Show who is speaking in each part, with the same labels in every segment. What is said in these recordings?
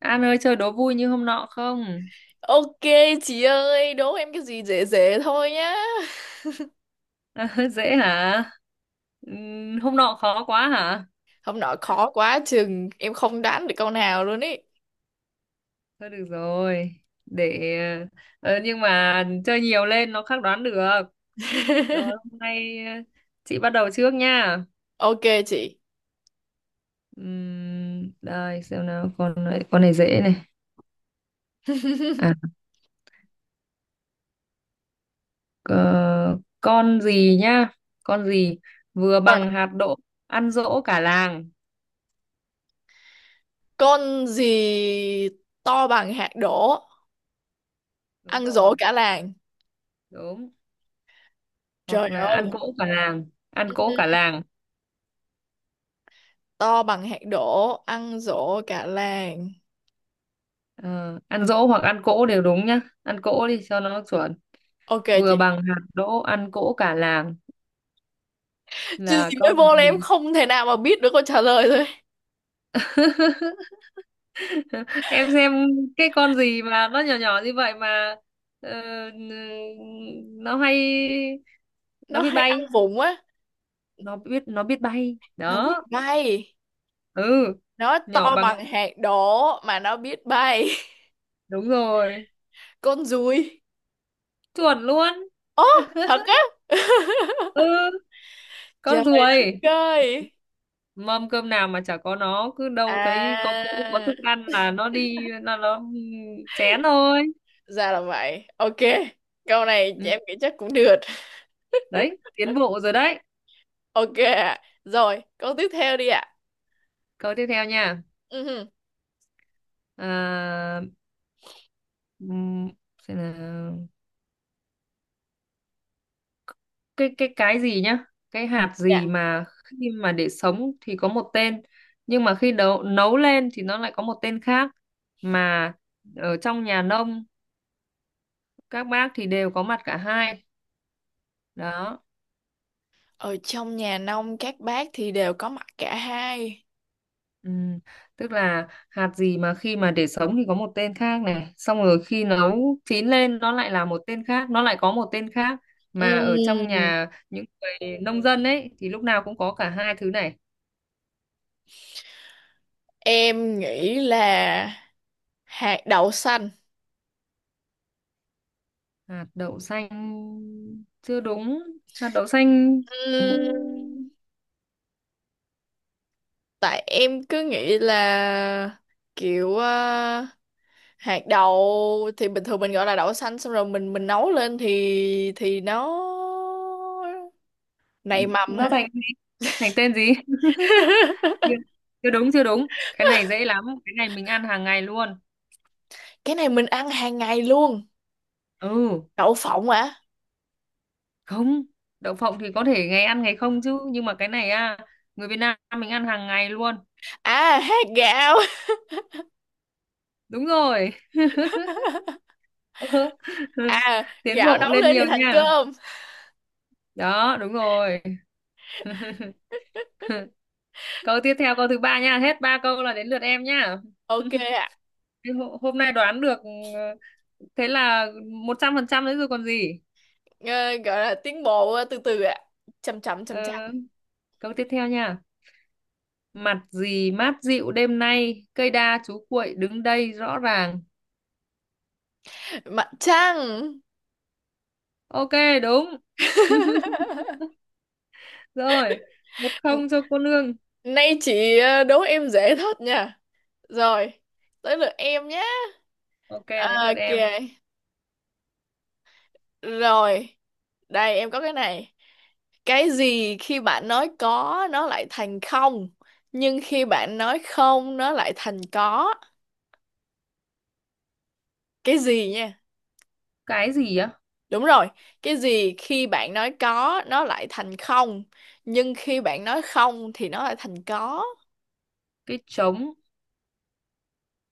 Speaker 1: An ơi chơi đố vui như hôm nọ không?
Speaker 2: Ok chị ơi, đố em cái gì dễ dễ thôi nhá.
Speaker 1: Dễ hả? Hôm nọ khó quá hả?
Speaker 2: Hôm nọ khó quá chừng em không đoán được câu nào luôn ý.
Speaker 1: Thôi được rồi. Để nhưng mà chơi nhiều lên nó khắc đoán được. Rồi hôm nay chị bắt đầu trước nha.
Speaker 2: Ok chị.
Speaker 1: Đây xem nào, con này dễ này. À ờ, con gì nhá? Con gì vừa
Speaker 2: Còn
Speaker 1: bằng hạt đỗ, ăn dỗ cả làng.
Speaker 2: con gì to bằng hạt đỗ,
Speaker 1: Đúng
Speaker 2: ăn dỗ
Speaker 1: rồi,
Speaker 2: cả làng.
Speaker 1: đúng. Hoặc
Speaker 2: Trời
Speaker 1: là ăn
Speaker 2: ơi,
Speaker 1: cỗ cả làng, ăn cỗ cả
Speaker 2: ừ,
Speaker 1: làng.
Speaker 2: to bằng hạt đỗ, ăn dỗ cả làng.
Speaker 1: Ờ, Ăn dỗ hoặc ăn cỗ đều đúng nhá, ăn cỗ đi cho nó chuẩn.
Speaker 2: Ok
Speaker 1: Vừa
Speaker 2: chị.
Speaker 1: bằng hạt đỗ ăn cỗ cả làng
Speaker 2: Chứ
Speaker 1: là
Speaker 2: gì mới
Speaker 1: con
Speaker 2: vô là em
Speaker 1: gì?
Speaker 2: không thể nào mà biết được câu trả lời rồi.
Speaker 1: Em xem cái con gì mà nó nhỏ nhỏ như vậy mà, ờ, nó hay, nó
Speaker 2: Nó
Speaker 1: biết
Speaker 2: hay ăn
Speaker 1: bay,
Speaker 2: vụng á,
Speaker 1: nó biết bay
Speaker 2: nó biết
Speaker 1: đó.
Speaker 2: bay.
Speaker 1: Ừ,
Speaker 2: Nó
Speaker 1: nhỏ
Speaker 2: to
Speaker 1: bằng.
Speaker 2: bằng hạt đỗ mà nó biết bay.
Speaker 1: Đúng rồi,
Speaker 2: Con ruồi.
Speaker 1: chuẩn luôn.
Speaker 2: Ố, thật á?
Speaker 1: Ừ,
Speaker 2: Trời
Speaker 1: con ruồi.
Speaker 2: ơi,
Speaker 1: Mâm cơm nào mà chả có nó, cứ đâu thấy có cỗ, có
Speaker 2: à,
Speaker 1: thức ăn là nó đi, là nó chén thôi.
Speaker 2: ra là vậy. Ok, câu này
Speaker 1: Ừ.
Speaker 2: em nghĩ chắc cũng được.
Speaker 1: Đấy, tiến bộ rồi đấy.
Speaker 2: Ok ạ. Rồi, câu tiếp theo đi ạ.
Speaker 1: Câu tiếp theo nha.
Speaker 2: Ừ,
Speaker 1: à, ừm, xem nào. Cái gì nhá? Cái hạt
Speaker 2: dạ.
Speaker 1: gì mà khi mà để sống thì có một tên, nhưng mà khi nấu nấu lên thì nó lại có một tên khác, mà ở trong nhà nông các bác thì đều có mặt cả hai đó.
Speaker 2: Ở trong nhà nông các bác thì đều có mặt cả hai.
Speaker 1: Ừ, tức là hạt gì mà khi mà để sống thì có một tên khác này, xong rồi khi nấu chín lên nó lại là một tên khác, nó lại có một tên khác, mà ở trong
Speaker 2: Ừm,
Speaker 1: nhà những người nông dân ấy thì lúc nào cũng có cả hai thứ này.
Speaker 2: em nghĩ là hạt đậu xanh.
Speaker 1: Hạt đậu xanh. Chưa đúng, hạt đậu xanh
Speaker 2: Ừm, Tại em cứ nghĩ là kiểu hạt đậu thì bình thường mình gọi là đậu xanh, xong rồi mình nấu lên thì nó nảy mầm hả?
Speaker 1: nó thành gì? Thành tên gì? Chưa chưa đúng, chưa đúng, cái này dễ lắm, cái này mình ăn hàng ngày luôn.
Speaker 2: Cái này mình ăn hàng ngày luôn.
Speaker 1: Ừ.
Speaker 2: Đậu phộng hả?
Speaker 1: Không, đậu phộng thì có thể ngày ăn ngày không chứ, nhưng mà cái này à, người Việt Nam mình ăn hàng ngày luôn.
Speaker 2: À, hạt gạo.
Speaker 1: Đúng rồi.
Speaker 2: À,
Speaker 1: Tiến
Speaker 2: gạo
Speaker 1: bộ
Speaker 2: nấu
Speaker 1: lên
Speaker 2: lên
Speaker 1: nhiều
Speaker 2: thì thành
Speaker 1: nha,
Speaker 2: cơm.
Speaker 1: đó đúng rồi. Câu tiếp theo, câu thứ ba nha, hết ba câu là đến lượt em nha.
Speaker 2: Ok ạ.
Speaker 1: Thế hôm nay đoán được, thế là 100% đấy rồi còn gì.
Speaker 2: Ờ, gọi là tiến bộ từ từ ạ, chậm chậm chậm chậm.
Speaker 1: Ờ, câu tiếp theo nha. Mặt gì mát dịu đêm nay, cây đa chú cuội đứng đây rõ ràng?
Speaker 2: Mặt trăng.
Speaker 1: Ok, đúng. Rồi, 1-0 cho cô nương.
Speaker 2: Nay chị đố em dễ thật nha. Rồi, tới lượt em nhé.
Speaker 1: Ok, đến
Speaker 2: À,
Speaker 1: lượt
Speaker 2: ok,
Speaker 1: em.
Speaker 2: rồi, đây em có cái này. Cái gì khi bạn nói có nó lại thành không, nhưng khi bạn nói không nó lại thành có. Cái gì nha?
Speaker 1: Cái gì á?
Speaker 2: Đúng rồi, cái gì khi bạn nói có nó lại thành không, nhưng khi bạn nói không thì nó lại thành có.
Speaker 1: Cái trống.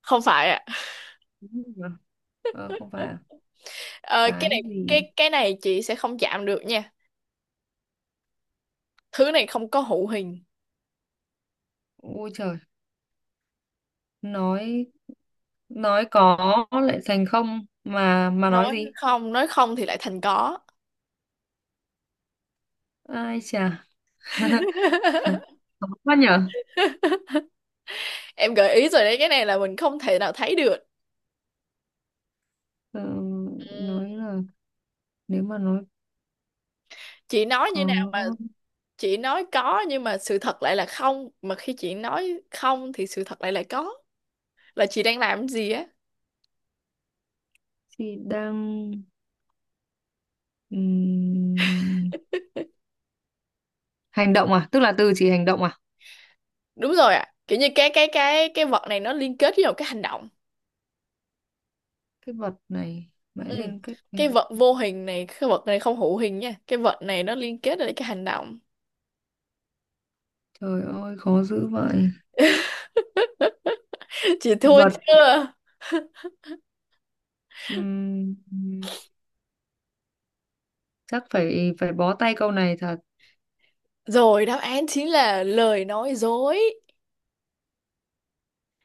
Speaker 2: Không phải ạ.
Speaker 1: Đúng rồi. Ờ, không phải. À?
Speaker 2: Ờ, cái
Speaker 1: Cái
Speaker 2: này
Speaker 1: gì?
Speaker 2: cái cái này chị sẽ không chạm được nha. Thứ này không có hữu hình.
Speaker 1: Ôi trời. Nói nói có lại thành không, mà nói gì?
Speaker 2: Nói không thì lại thành có.
Speaker 1: Ai chà. Khó quá nhở.
Speaker 2: Em gợi ý rồi đấy, cái này là mình không thể nào thấy được.
Speaker 1: Ờ,
Speaker 2: Ừ.
Speaker 1: nói là, nếu mà nói
Speaker 2: Chị nói như nào?
Speaker 1: có
Speaker 2: Chị nói có nhưng mà sự thật lại là không, mà khi chị nói không thì sự thật lại là có, là chị đang làm gì á?
Speaker 1: thì đang, ừm, hành động à? Tức là từ chỉ hành động à?
Speaker 2: Đúng rồi ạ, kiểu như cái vật này nó liên kết với một cái hành động.
Speaker 1: Cái vật này mãi
Speaker 2: Ừ.
Speaker 1: liên kết với...
Speaker 2: Cái vật vô hình này, cái vật này không hữu hình nha, cái vật này nó liên kết với cái hành động.
Speaker 1: Trời ơi, khó dữ vậy.
Speaker 2: Chị thua
Speaker 1: Vật.
Speaker 2: chưa?
Speaker 1: Ừm, Chắc phải phải bó tay câu này thật.
Speaker 2: Rồi, đáp án chính là lời nói dối,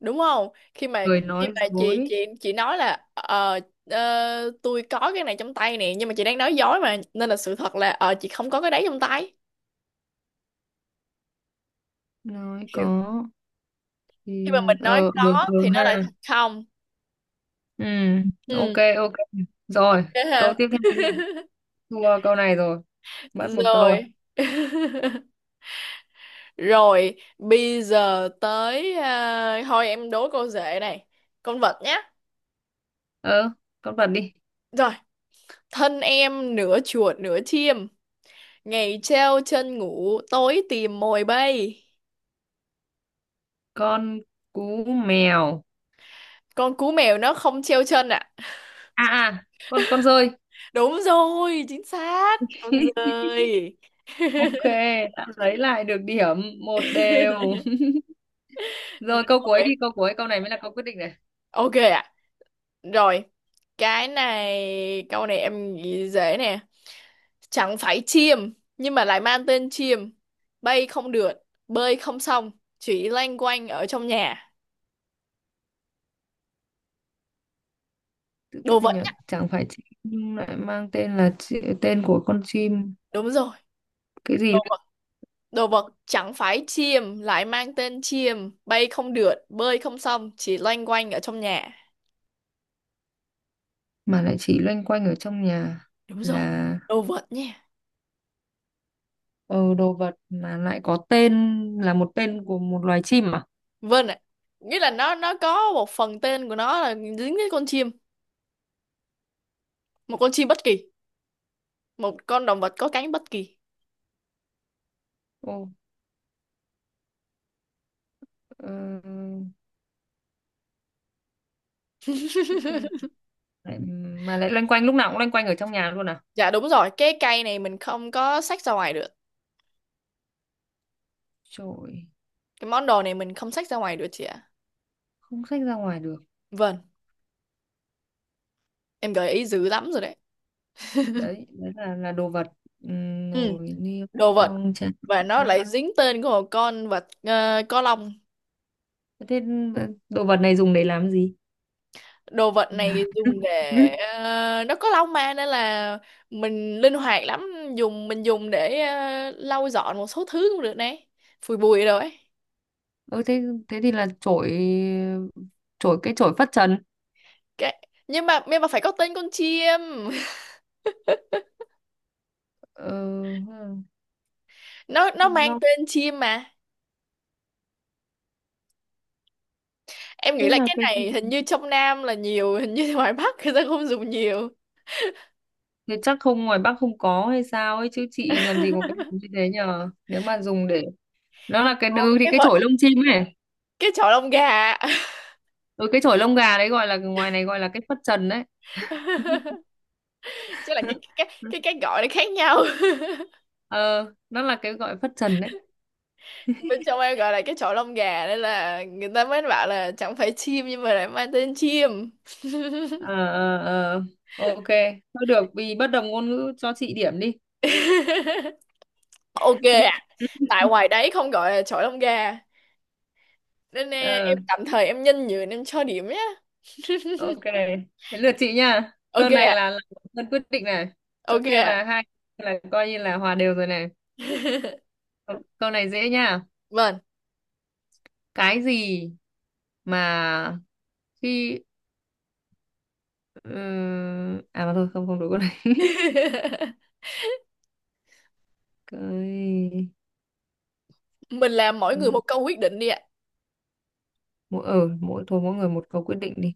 Speaker 2: đúng không? khi mà
Speaker 1: Người
Speaker 2: khi
Speaker 1: nói
Speaker 2: mà chị
Speaker 1: dối,
Speaker 2: chị chị nói là tôi có cái này trong tay nè, nhưng mà chị đang nói dối mà, nên là sự thật là chị không có cái đấy trong tay.
Speaker 1: nói
Speaker 2: Hiểu.
Speaker 1: có
Speaker 2: Khi
Speaker 1: thì,
Speaker 2: mà mình nói
Speaker 1: ừ,
Speaker 2: có
Speaker 1: ừ,
Speaker 2: thì nó
Speaker 1: ha.
Speaker 2: lại thật không.
Speaker 1: Ừ. Ok,
Speaker 2: Ừ.
Speaker 1: ok. Rồi,
Speaker 2: Thế ha?
Speaker 1: câu tiếp theo đi, thua câu này rồi, mất một câu.
Speaker 2: Rồi, rồi, bây giờ tới. À, thôi em đố cô dễ này, con vật nhá.
Speaker 1: Ờ, con vật đi.
Speaker 2: Rồi, thân em nửa chuột nửa chim, ngày treo chân ngủ tối tìm mồi bay.
Speaker 1: Con cú mèo.
Speaker 2: Con cú mèo nó không treo chân ạ.
Speaker 1: À, con dơi.
Speaker 2: Đúng rồi, chính xác. Con dơi.
Speaker 1: Ok, đã lấy lại được điểm, 1-1. Rồi, câu cuối
Speaker 2: Rồi.
Speaker 1: đi, câu cuối câu này mới là câu quyết định này.
Speaker 2: Ok ạ. Rồi. Cái này, câu này em nghĩ dễ nè. Chẳng phải chim, nhưng mà lại mang tên chim. Bay không được, bơi không xong, chỉ loanh quanh ở trong nhà.
Speaker 1: Tự cái
Speaker 2: Đồ
Speaker 1: gì
Speaker 2: vật
Speaker 1: nhỉ?
Speaker 2: nhá.
Speaker 1: Chẳng phải chim nhưng lại mang tên là tên của con chim.
Speaker 2: Đúng rồi.
Speaker 1: Cái
Speaker 2: Đồ
Speaker 1: gì
Speaker 2: vật. Đồ vật chẳng phải chim, lại mang tên chim. Bay không được, bơi không xong, chỉ loanh quanh ở trong nhà.
Speaker 1: mà lại chỉ loanh quanh ở trong nhà
Speaker 2: Đúng rồi.
Speaker 1: là
Speaker 2: Đồ vật nha.
Speaker 1: ờ, đồ vật mà lại có tên là một tên của một loài chim à?
Speaker 2: Vâng ạ. Nghĩa là nó có một phần tên của nó là dính với con chim, một con chim bất kỳ, một con động vật có cánh bất kỳ.
Speaker 1: Ồ, ờ, tên lại, mà lại loanh quanh, lúc nào cũng loanh quanh ở trong nhà luôn à?
Speaker 2: Dạ đúng rồi, cái cây này mình không có xách ra ngoài được.
Speaker 1: Trời,
Speaker 2: Cái món đồ này mình không xách ra ngoài được chị ạ.
Speaker 1: không xách ra ngoài được.
Speaker 2: Vâng, em gợi ý dữ lắm rồi đấy.
Speaker 1: Đấy, đấy là đồ vật.
Speaker 2: Ừ,
Speaker 1: Nồi niêu
Speaker 2: đồ vật.
Speaker 1: xong chén
Speaker 2: Và nó
Speaker 1: bát.
Speaker 2: lại dính tên của một con vật có lông.
Speaker 1: Thế đồ vật này dùng để làm gì?
Speaker 2: Đồ vật này dùng để nó có lông mà nên là mình linh hoạt lắm, mình dùng để lau dọn một số thứ cũng được đấy. Phủi bụi rồi ấy.
Speaker 1: Ừ, thế thế thì là chổi chổi cái chổi phất trần.
Speaker 2: Cái nhưng mà phải có tên con chim.
Speaker 1: Ờ, ừ.
Speaker 2: Nó mang
Speaker 1: Nó
Speaker 2: tên chim mà. Em nghĩ
Speaker 1: thế
Speaker 2: là
Speaker 1: là
Speaker 2: cái
Speaker 1: cái gì?
Speaker 2: này hình như trong Nam là nhiều, hình như ngoài Bắc người ta không dùng nhiều.
Speaker 1: Thế chắc không, ngoài Bắc không có hay sao ấy chứ, chị làm gì có cái đồ như thế nhờ. Nếu mà dùng để, nó là cái,
Speaker 2: Còn
Speaker 1: thì
Speaker 2: cái
Speaker 1: cái
Speaker 2: vật
Speaker 1: chổi lông chim ấy.
Speaker 2: Cái chọi lông gà.
Speaker 1: Ừ, cái chổi lông gà đấy gọi là, ngoài này gọi là cái phất trần đấy.
Speaker 2: Chứ là cái cái cái cái gọi nó khác nhau.
Speaker 1: Ờ nó là cái gọi phất trần đấy.
Speaker 2: Bên trong em gọi là cái chọi lông gà, nên là người ta mới bảo là chẳng phải chim nhưng mà lại mang tên chim.
Speaker 1: Ờ, ờ, ờ. Ok. Thôi được, vì bất đồng ngôn ngữ cho chị điểm đi.
Speaker 2: Ok ạ. Tại ngoài đấy không gọi là chọi lông gà nên
Speaker 1: Ờ,
Speaker 2: em tạm thời em nhân nhường, em cho điểm nhé.
Speaker 1: ok. Thế lượt chị nha.
Speaker 2: Ok
Speaker 1: Tơn này
Speaker 2: ạ,
Speaker 1: là Tơn quyết định này. Chỗ
Speaker 2: ok
Speaker 1: kia là
Speaker 2: ạ.
Speaker 1: hai, là coi như là hòa đều rồi này. Câu này dễ nha.
Speaker 2: Vâng.
Speaker 1: Cái gì mà khi à mà thôi, không, không đúng câu này. cái
Speaker 2: Mình làm mỗi người một câu quyết định đi ạ.
Speaker 1: mỗi ờ mỗi Thôi, mỗi người một câu quyết định đi.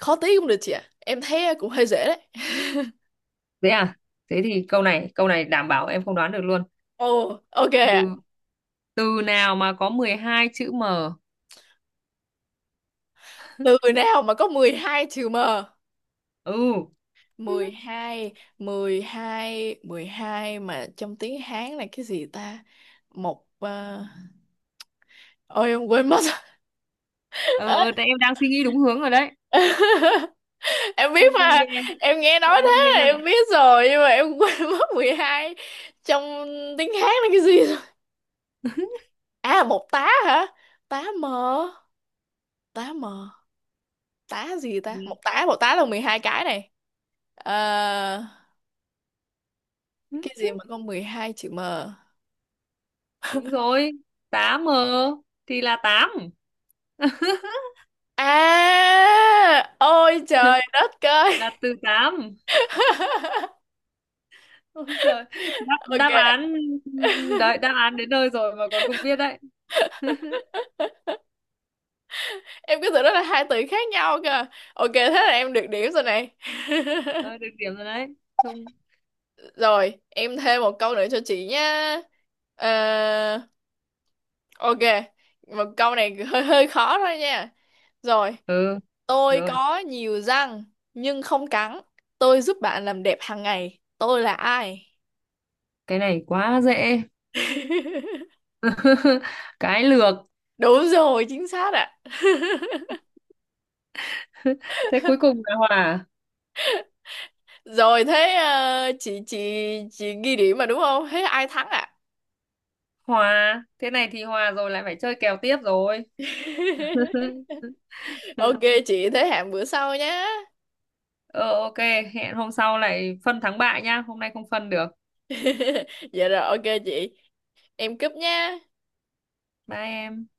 Speaker 2: Khó tí cũng được chị ạ. Em thấy cũng hơi dễ đấy.
Speaker 1: Thế à? Thế thì câu này đảm bảo em không đoán được luôn.
Speaker 2: Ồ, ok ạ.
Speaker 1: Từ, từ nào mà có 12 chữ M?
Speaker 2: Từ nào mà có 12 chữ M?
Speaker 1: Ừ.
Speaker 2: Mười mười hai mười hai Mười hai mà trong tiếng Hán là cái gì ta? Một ờ, Ôi em quên mất.
Speaker 1: Ờ, ờ, tại em đang suy nghĩ đúng hướng rồi đấy.
Speaker 2: Em biết
Speaker 1: Thông minh
Speaker 2: mà,
Speaker 1: ghê.
Speaker 2: em nghe nói
Speaker 1: Thông minh ghê
Speaker 2: thế là
Speaker 1: hả?
Speaker 2: em biết rồi, nhưng mà em quên mất 12 trong tiếng Hán là cái gì rồi. À, một tá hả? Tá mờ. Tá mờ, tá gì ta, một tá, một tá là 12 cái này. Ờ,
Speaker 1: Ừ.
Speaker 2: cái gì mà có 12 chữ m.
Speaker 1: Đúng rồi, tám M thì là tám.
Speaker 2: À ôi trời đất ơi.
Speaker 1: Là từ tám. Ôi giời, đáp, đáp
Speaker 2: Ok,
Speaker 1: án đấy, đáp án đến nơi rồi mà còn không biết đấy.
Speaker 2: em cứ tưởng đó là hai từ khác nhau cơ. Ok thế là em được điểm rồi này.
Speaker 1: Ờ, được điểm rồi đấy. Không.
Speaker 2: Rồi, em thêm một câu nữa cho chị nhá. Ờ, ok, một câu này hơi hơi khó thôi nha. Rồi,
Speaker 1: Ừ,
Speaker 2: tôi
Speaker 1: rồi.
Speaker 2: có nhiều răng nhưng không cắn, tôi giúp bạn làm đẹp hàng ngày, tôi là ai?
Speaker 1: Cái này quá dễ. Cái lược.
Speaker 2: Đúng rồi, chính xác ạ.
Speaker 1: Thế cuối cùng là hòa.
Speaker 2: Rồi thế chị ghi điểm mà đúng không? Thế ai thắng ạ?
Speaker 1: Hòa. Thế này thì hòa rồi, lại phải chơi kèo tiếp rồi.
Speaker 2: Ok chị, thế hẹn bữa sau nhé.
Speaker 1: Ờ, ok, hẹn hôm sau lại phân thắng bại nhá. Hôm nay không phân được.
Speaker 2: Dạ rồi, ok chị, em cúp nha.
Speaker 1: Bye em.